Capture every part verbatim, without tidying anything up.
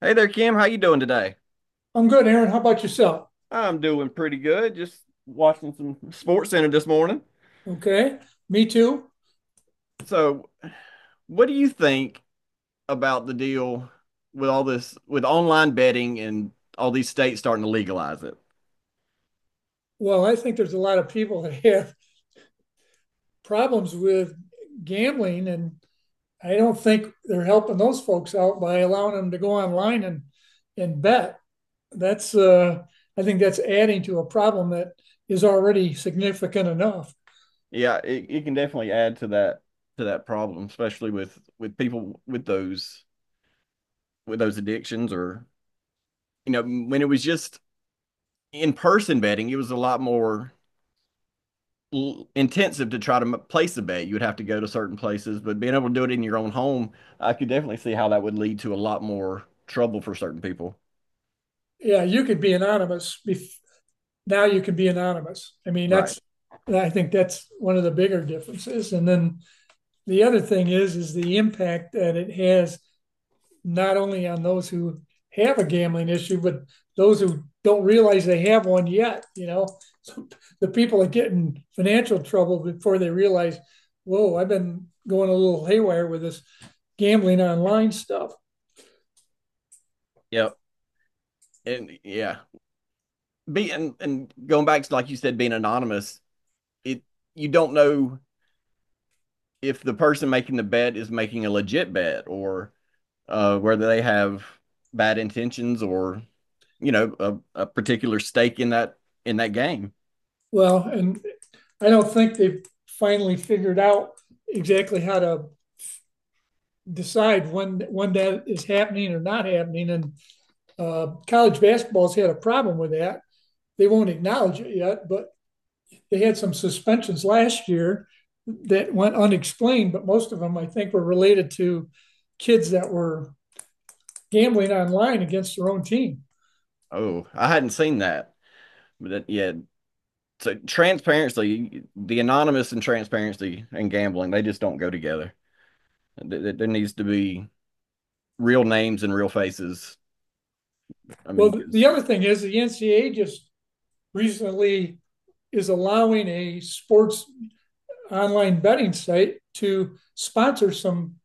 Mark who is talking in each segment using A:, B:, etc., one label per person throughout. A: Hey there, Kim. How you doing today?
B: I'm good, Aaron. How about yourself?
A: I'm doing pretty good. Just watching some Sports Center this morning.
B: Okay. Me too.
A: So, what do you think about the deal with all this with online betting and all these states starting to legalize it?
B: Well, I think there's a lot of people that have problems with gambling, and I don't think they're helping those folks out by allowing them to go online and and bet. That's uh, I think that's adding to a problem that is already significant enough.
A: Yeah, it, it can definitely add to that to that problem, especially with with people with those with those addictions or. You know, when it was just in-person betting, it was a lot more intensive to try to place a bet. You would have to go to certain places, but being able to do it in your own home, I could definitely see how that would lead to a lot more trouble for certain people.
B: Yeah, you could be anonymous bef- now you can be anonymous. I mean,
A: Right.
B: that's I think that's one of the bigger differences. And then the other thing is is the impact that it has not only on those who have a gambling issue, but those who don't realize they have one yet. You know, so the people that get in financial trouble before they realize, whoa, I've been going a little haywire with this gambling online stuff.
A: Yep. And yeah, be and, and going back to like you said, being anonymous, it you don't know if the person making the bet is making a legit bet or uh, whether they have bad intentions or you know a, a particular stake in that in that game.
B: Well, and I don't think they've finally figured out exactly how to decide when when that is happening or not happening. And uh, college basketball's had a problem with that. They won't acknowledge it yet, but they had some suspensions last year that went unexplained. But most of them, I think, were related to kids that were gambling online against their own team.
A: Oh, I hadn't seen that, but that, yeah. So transparency, the anonymous and transparency and gambling, they just don't go together. Th- There needs to be real names and real faces. I mean,
B: Well, the
A: 'cause
B: other thing is the N C A A just recently is allowing a sports online betting site to sponsor some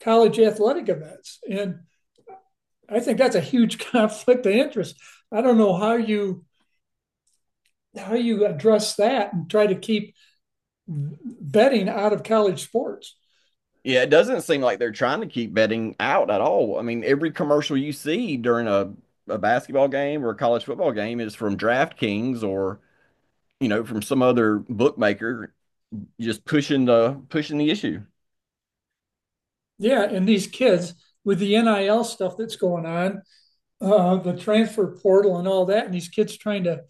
B: college athletic events, and I think that's a huge conflict of interest. I don't know how you how you address that and try to keep betting out of college sports.
A: yeah, it doesn't seem like they're trying to keep betting out at all. I mean, every commercial you see during a, a basketball game or a college football game is from DraftKings or, you know, from some other bookmaker just pushing the pushing the issue.
B: Yeah, and these kids with the N I L stuff that's going on, uh, the transfer portal and all that, and these kids trying to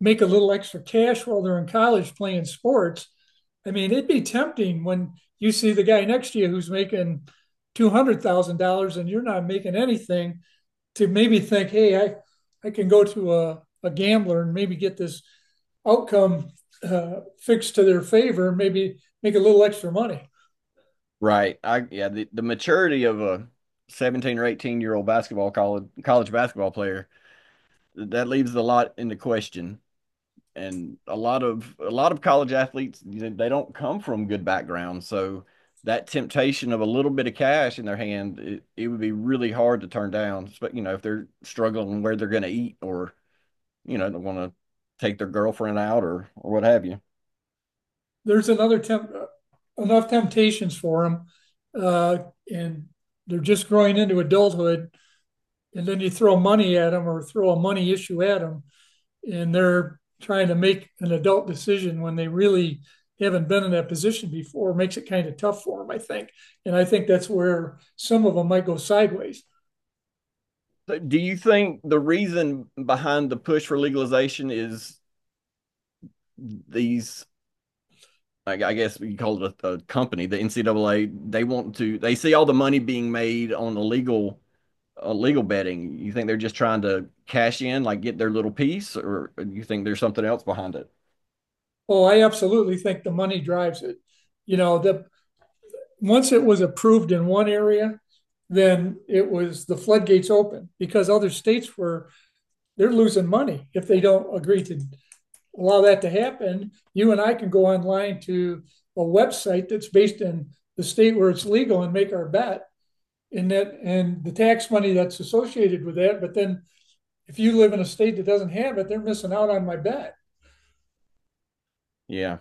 B: make a little extra cash while they're in college playing sports. I mean, it'd be tempting when you see the guy next to you who's making two hundred thousand dollars and you're not making anything to maybe think, hey, I, I can go to a, a gambler and maybe get this outcome uh, fixed to their favor, maybe make a little extra money.
A: Right. I yeah, the, the maturity of a seventeen or eighteen year old basketball college college basketball player, that leaves a lot into question. And a lot of a lot of college athletes, they don't come from good backgrounds, so that temptation of a little bit of cash in their hand, it, it would be really hard to turn down. But you know, if they're struggling where they're going to eat, or you know, they want to take their girlfriend out, or or what have you.
B: There's another temp- uh, enough temptations for them, uh, and they're just growing into adulthood. And then you throw money at them or throw a money issue at them, and they're trying to make an adult decision when they really haven't been in that position before makes it kind of tough for them, I think. And I think that's where some of them might go sideways.
A: So do you think the reason behind the push for legalization is these like I guess you call it a, a company, the N C double A, they want to they see all the money being made on illegal illegal betting. You think they're just trying to cash in, like get their little piece, or you think there's something else behind it?
B: Oh, I absolutely think the money drives it. You know, the once it was approved in one area, then it was the floodgates open because other states were they're losing money if they don't agree to allow that to happen. You and I can go online to a website that's based in the state where it's legal and make our bet and that and the tax money that's associated with that. But then if you live in a state that doesn't have it, they're missing out on my bet.
A: Yeah.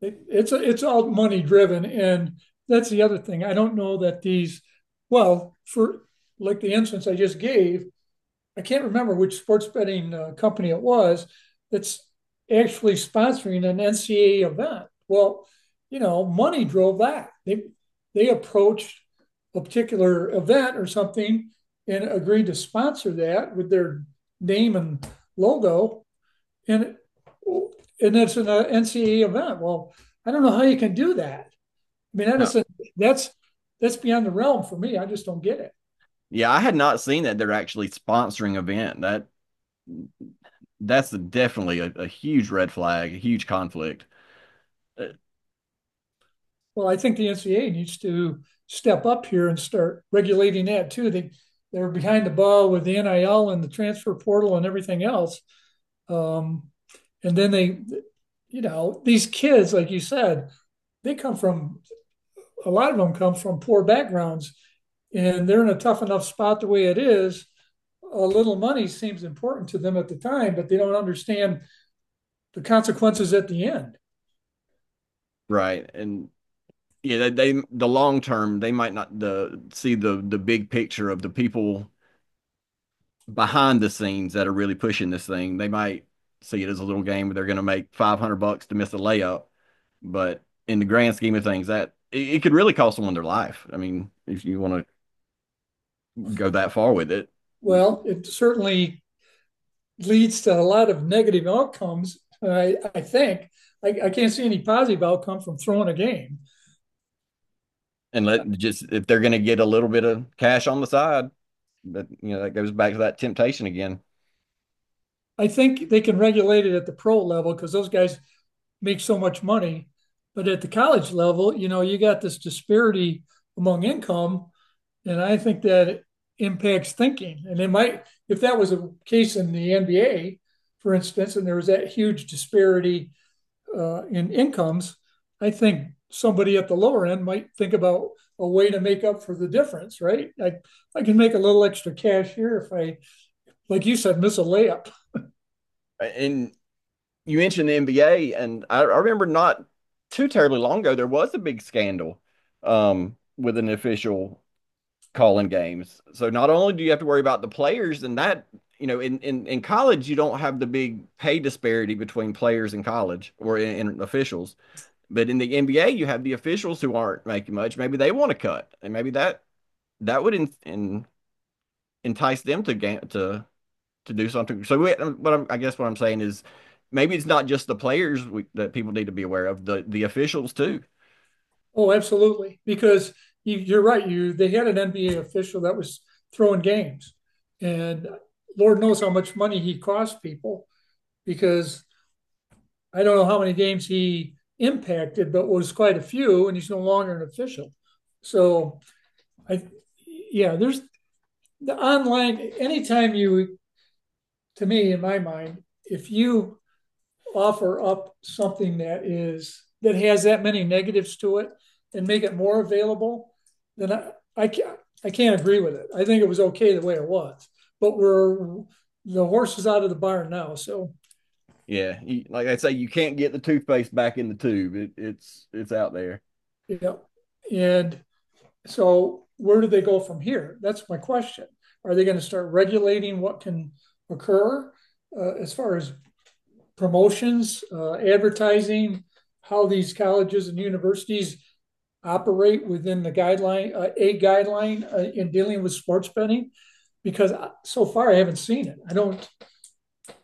B: It, it's it's all money driven, and that's the other thing. I don't know that these, well, for like the instance I just gave, I can't remember which sports betting uh, company it was that's actually sponsoring an N C A A event. Well, you know, money drove that. They they approached a particular event or something and agreed to sponsor that with their name and logo, and and it's an N C A A event. Well, I don't know how you can do that. I mean, that
A: No.
B: is a, that's that's beyond the realm for me. I just don't get it.
A: Yeah, I had not seen that they're actually sponsoring event. That that's definitely a, a huge red flag, a huge conflict. Uh,
B: Well, I think the N C A A needs to step up here and start regulating that too. They they're behind the ball with the N I L and the transfer portal and everything else. Um, and then they, you know, these kids, like you said, they come from a lot of them come from poor backgrounds, and they're in a tough enough spot the way it is. A little money seems important to them at the time, but they don't understand the consequences at the end.
A: Right. And yeah, they, they the long term, they might not the see the the big picture of the people behind the scenes that are really pushing this thing. They might see it as a little game where they're going to make five hundred bucks to miss a layup, but in the grand scheme of things, that it, it could really cost someone their life. I mean, if you want to go that far with it,
B: Well, it certainly leads to a lot of negative outcomes, I, I think. I, I can't see any positive outcome from throwing a game.
A: and let just if they're going to get a little bit of cash on the side, that you know that goes back to that temptation again.
B: I think they can regulate it at the pro level because those guys make so much money. But at the college level, you know, you got this disparity among income. And I think that impacts thinking. And it might, if that was a case in the N B A, for instance, and there was that huge disparity uh, in incomes, I think somebody at the lower end might think about a way to make up for the difference, right? I, I can make a little extra cash here if I, like you said, miss a layup.
A: And you mentioned the N B A, and I, I remember not too terribly long ago there was a big scandal um, with an official calling games. So not only do you have to worry about the players and that, you know, in, in, in college, you don't have the big pay disparity between players in college or in, in officials. But in the N B A, you have the officials who aren't making much. Maybe they want to cut, and maybe that that would in, in, entice them to ga- to to do something. So, we, what I'm, I guess what I'm saying is, maybe it's not just the players we, that people need to be aware of. The the officials too.
B: Oh, absolutely. Because you, you're right. You They had an N B A official that was throwing games, and Lord knows how much money he cost people. Because I don't know how many games he impacted, but was quite a few, and he's no longer an official. So I, yeah, there's the online. Anytime you, to me, in my mind, if you offer up something that is that has that many negatives to it and make it more available, then I, I can't I can't agree with it. I think it was okay the way it was, but we're the horse is out of the barn now. So
A: Yeah, you, like I say, you can't get the toothpaste back in the tube. It, it's it's out there.
B: yeah, and so where do they go from here? That's my question. Are they going to start regulating what can occur uh, as far as promotions, uh, advertising, how these colleges and universities operate within the guideline, uh, a guideline uh, in dealing with sports betting? Because so far I haven't seen it. I don't,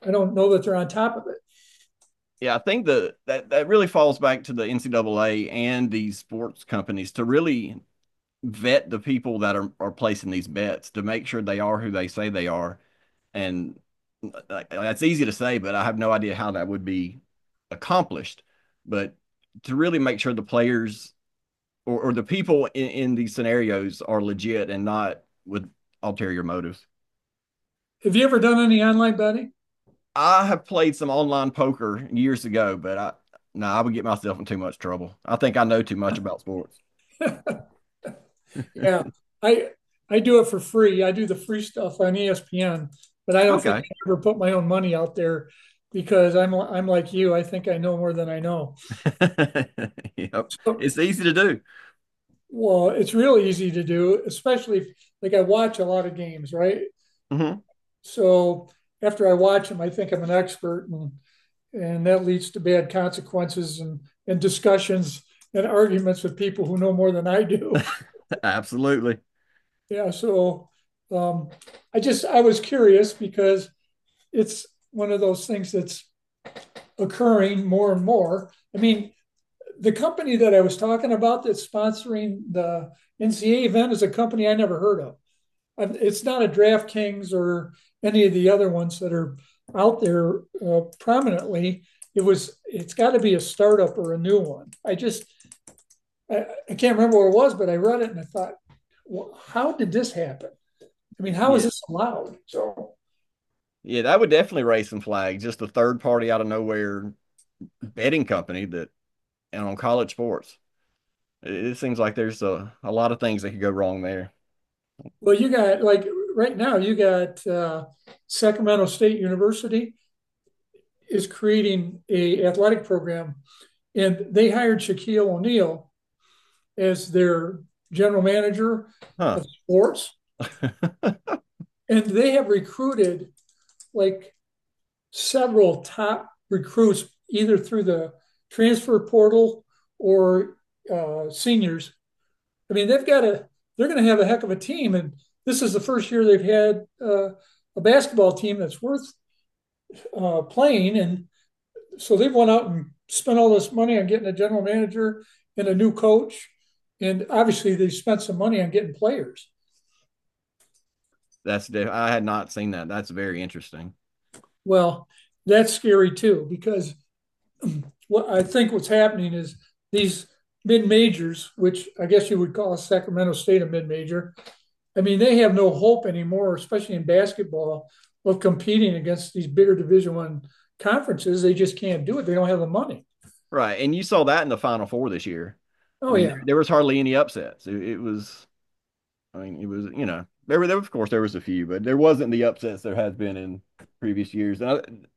B: I don't know that they're on top of it.
A: Yeah, I think the that that really falls back to the N C double A and these sports companies to really vet the people that are are placing these bets to make sure they are who they say they are. And like, that's easy to say, but I have no idea how that would be accomplished. But to really make sure the players or, or the people in, in these scenarios are legit and not with ulterior motives.
B: Have you ever done any online betting?
A: I have played some online poker years ago, but I no, I would get myself in too much trouble. I think I know too much about sports.
B: Yeah, I, I do it for free. I do the free stuff on E S P N, but I don't think
A: Okay.
B: I ever put my own money out there because I'm, I'm like you. I think I know more than I know.
A: Yep.
B: So,
A: It's easy to do.
B: well, it's really easy to do, especially if, like I watch a lot of games, right?
A: Hmm.
B: So after I watch them, I think I'm an expert and and that leads to bad consequences and, and discussions and arguments with people who know more than I do.
A: Absolutely.
B: Yeah, so um, I just I was curious because it's one of those things that's occurring more and more. I mean, the company that I was talking about that's sponsoring the N C A event is a company I never heard of. It's not a DraftKings or any of the other ones that are out there uh, prominently. It was. It's got to be a startup or a new one. I just I, I can't remember what it was, but I read it and I thought, well, how did this happen? I mean, how is
A: Yeah.
B: this allowed? So,
A: Yeah, that would definitely raise some flags. Just a third party out of nowhere betting company that and on college sports. It, it seems like there's a, a lot of things that could go wrong there.
B: well, you got like right now, you got uh, Sacramento State University is creating a athletic program, and they hired Shaquille O'Neal as their general manager
A: Huh.
B: of sports. And they have recruited like several top recruits, either through the transfer portal or uh, seniors. I mean, they've got a, they're going to have a heck of a team. And this is the first year they've had uh, a basketball team that's worth uh, playing. And so they've went out and spent all this money on getting a general manager and a new coach. And obviously, they spent some money on getting players.
A: That's def- I had not seen that. That's very interesting.
B: Well, that's scary too, because what I think what's happening is these mid majors, which I guess you would call Sacramento State a mid major. I mean, they have no hope anymore, especially in basketball, of competing against these bigger Division One conferences. They just can't do it. They don't have the money.
A: Right. And you saw that in the Final Four this year. I
B: Oh
A: mean, there,
B: yeah.
A: there was hardly any upsets. It, it was, I mean, it was, you know, there were, there, of course, there was a few, but there wasn't the upsets there has been in previous years. And,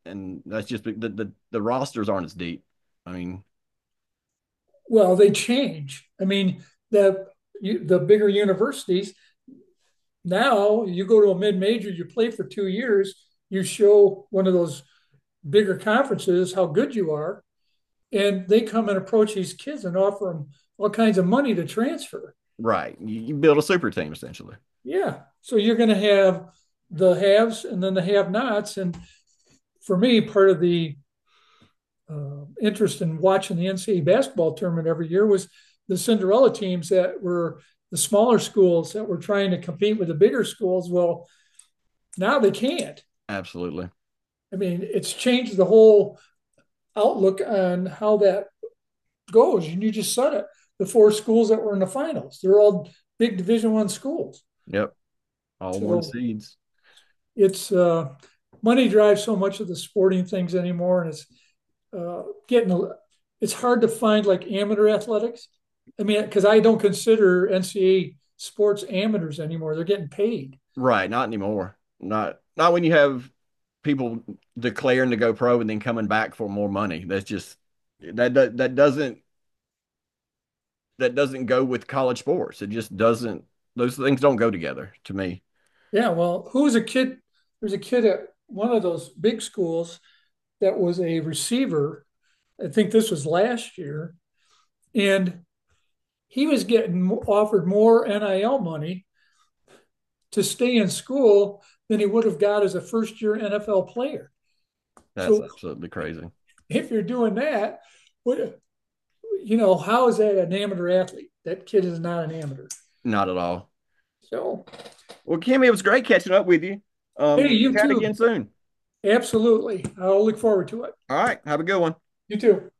A: I, and that's just the, the, the rosters aren't as deep. I mean,
B: Well, they change. I mean, the you, the bigger universities now you go to a mid major, you play for two years, you show one of those bigger conferences how good you are, and they come and approach these kids and offer them all kinds of money to transfer.
A: right. You, you build a super team essentially.
B: Yeah. So you're going to have the haves and then the have nots. And for me, part of the uh, interest in watching the N C A A basketball tournament every year was the Cinderella teams that were the smaller schools that were trying to compete with the bigger schools. Well, now they can't.
A: Absolutely.
B: I mean, it's changed the whole outlook on how that goes. And you just said it. The four schools that were in the finals, they're all big Division One schools.
A: Yep. All one
B: So
A: seeds.
B: it's uh, money drives so much of the sporting things anymore, and it's uh, getting a- it's hard to find like amateur athletics. I mean, because I don't consider N C A A sports amateurs anymore; they're getting paid.
A: Right. Not anymore. Not, not when you have people declaring to go pro and then coming back for more money. That's just, that, that, that doesn't that doesn't go with college sports. It just doesn't. Those things don't go together to me.
B: Yeah, well, who was a kid? There's a kid at one of those big schools that was a receiver. I think this was last year, and he was getting offered more N I L money to stay in school than he would have got as a first year N F L player.
A: That's
B: So
A: absolutely crazy.
B: if you're doing that, what you know, how is that an amateur athlete? That kid is not an amateur.
A: Not at all.
B: So
A: Well, Kimmy, it was great catching up with you. Um,
B: hey,
A: let's
B: you
A: chat
B: too.
A: again soon.
B: Absolutely. I'll look forward to it.
A: All right, have a good one.
B: You too.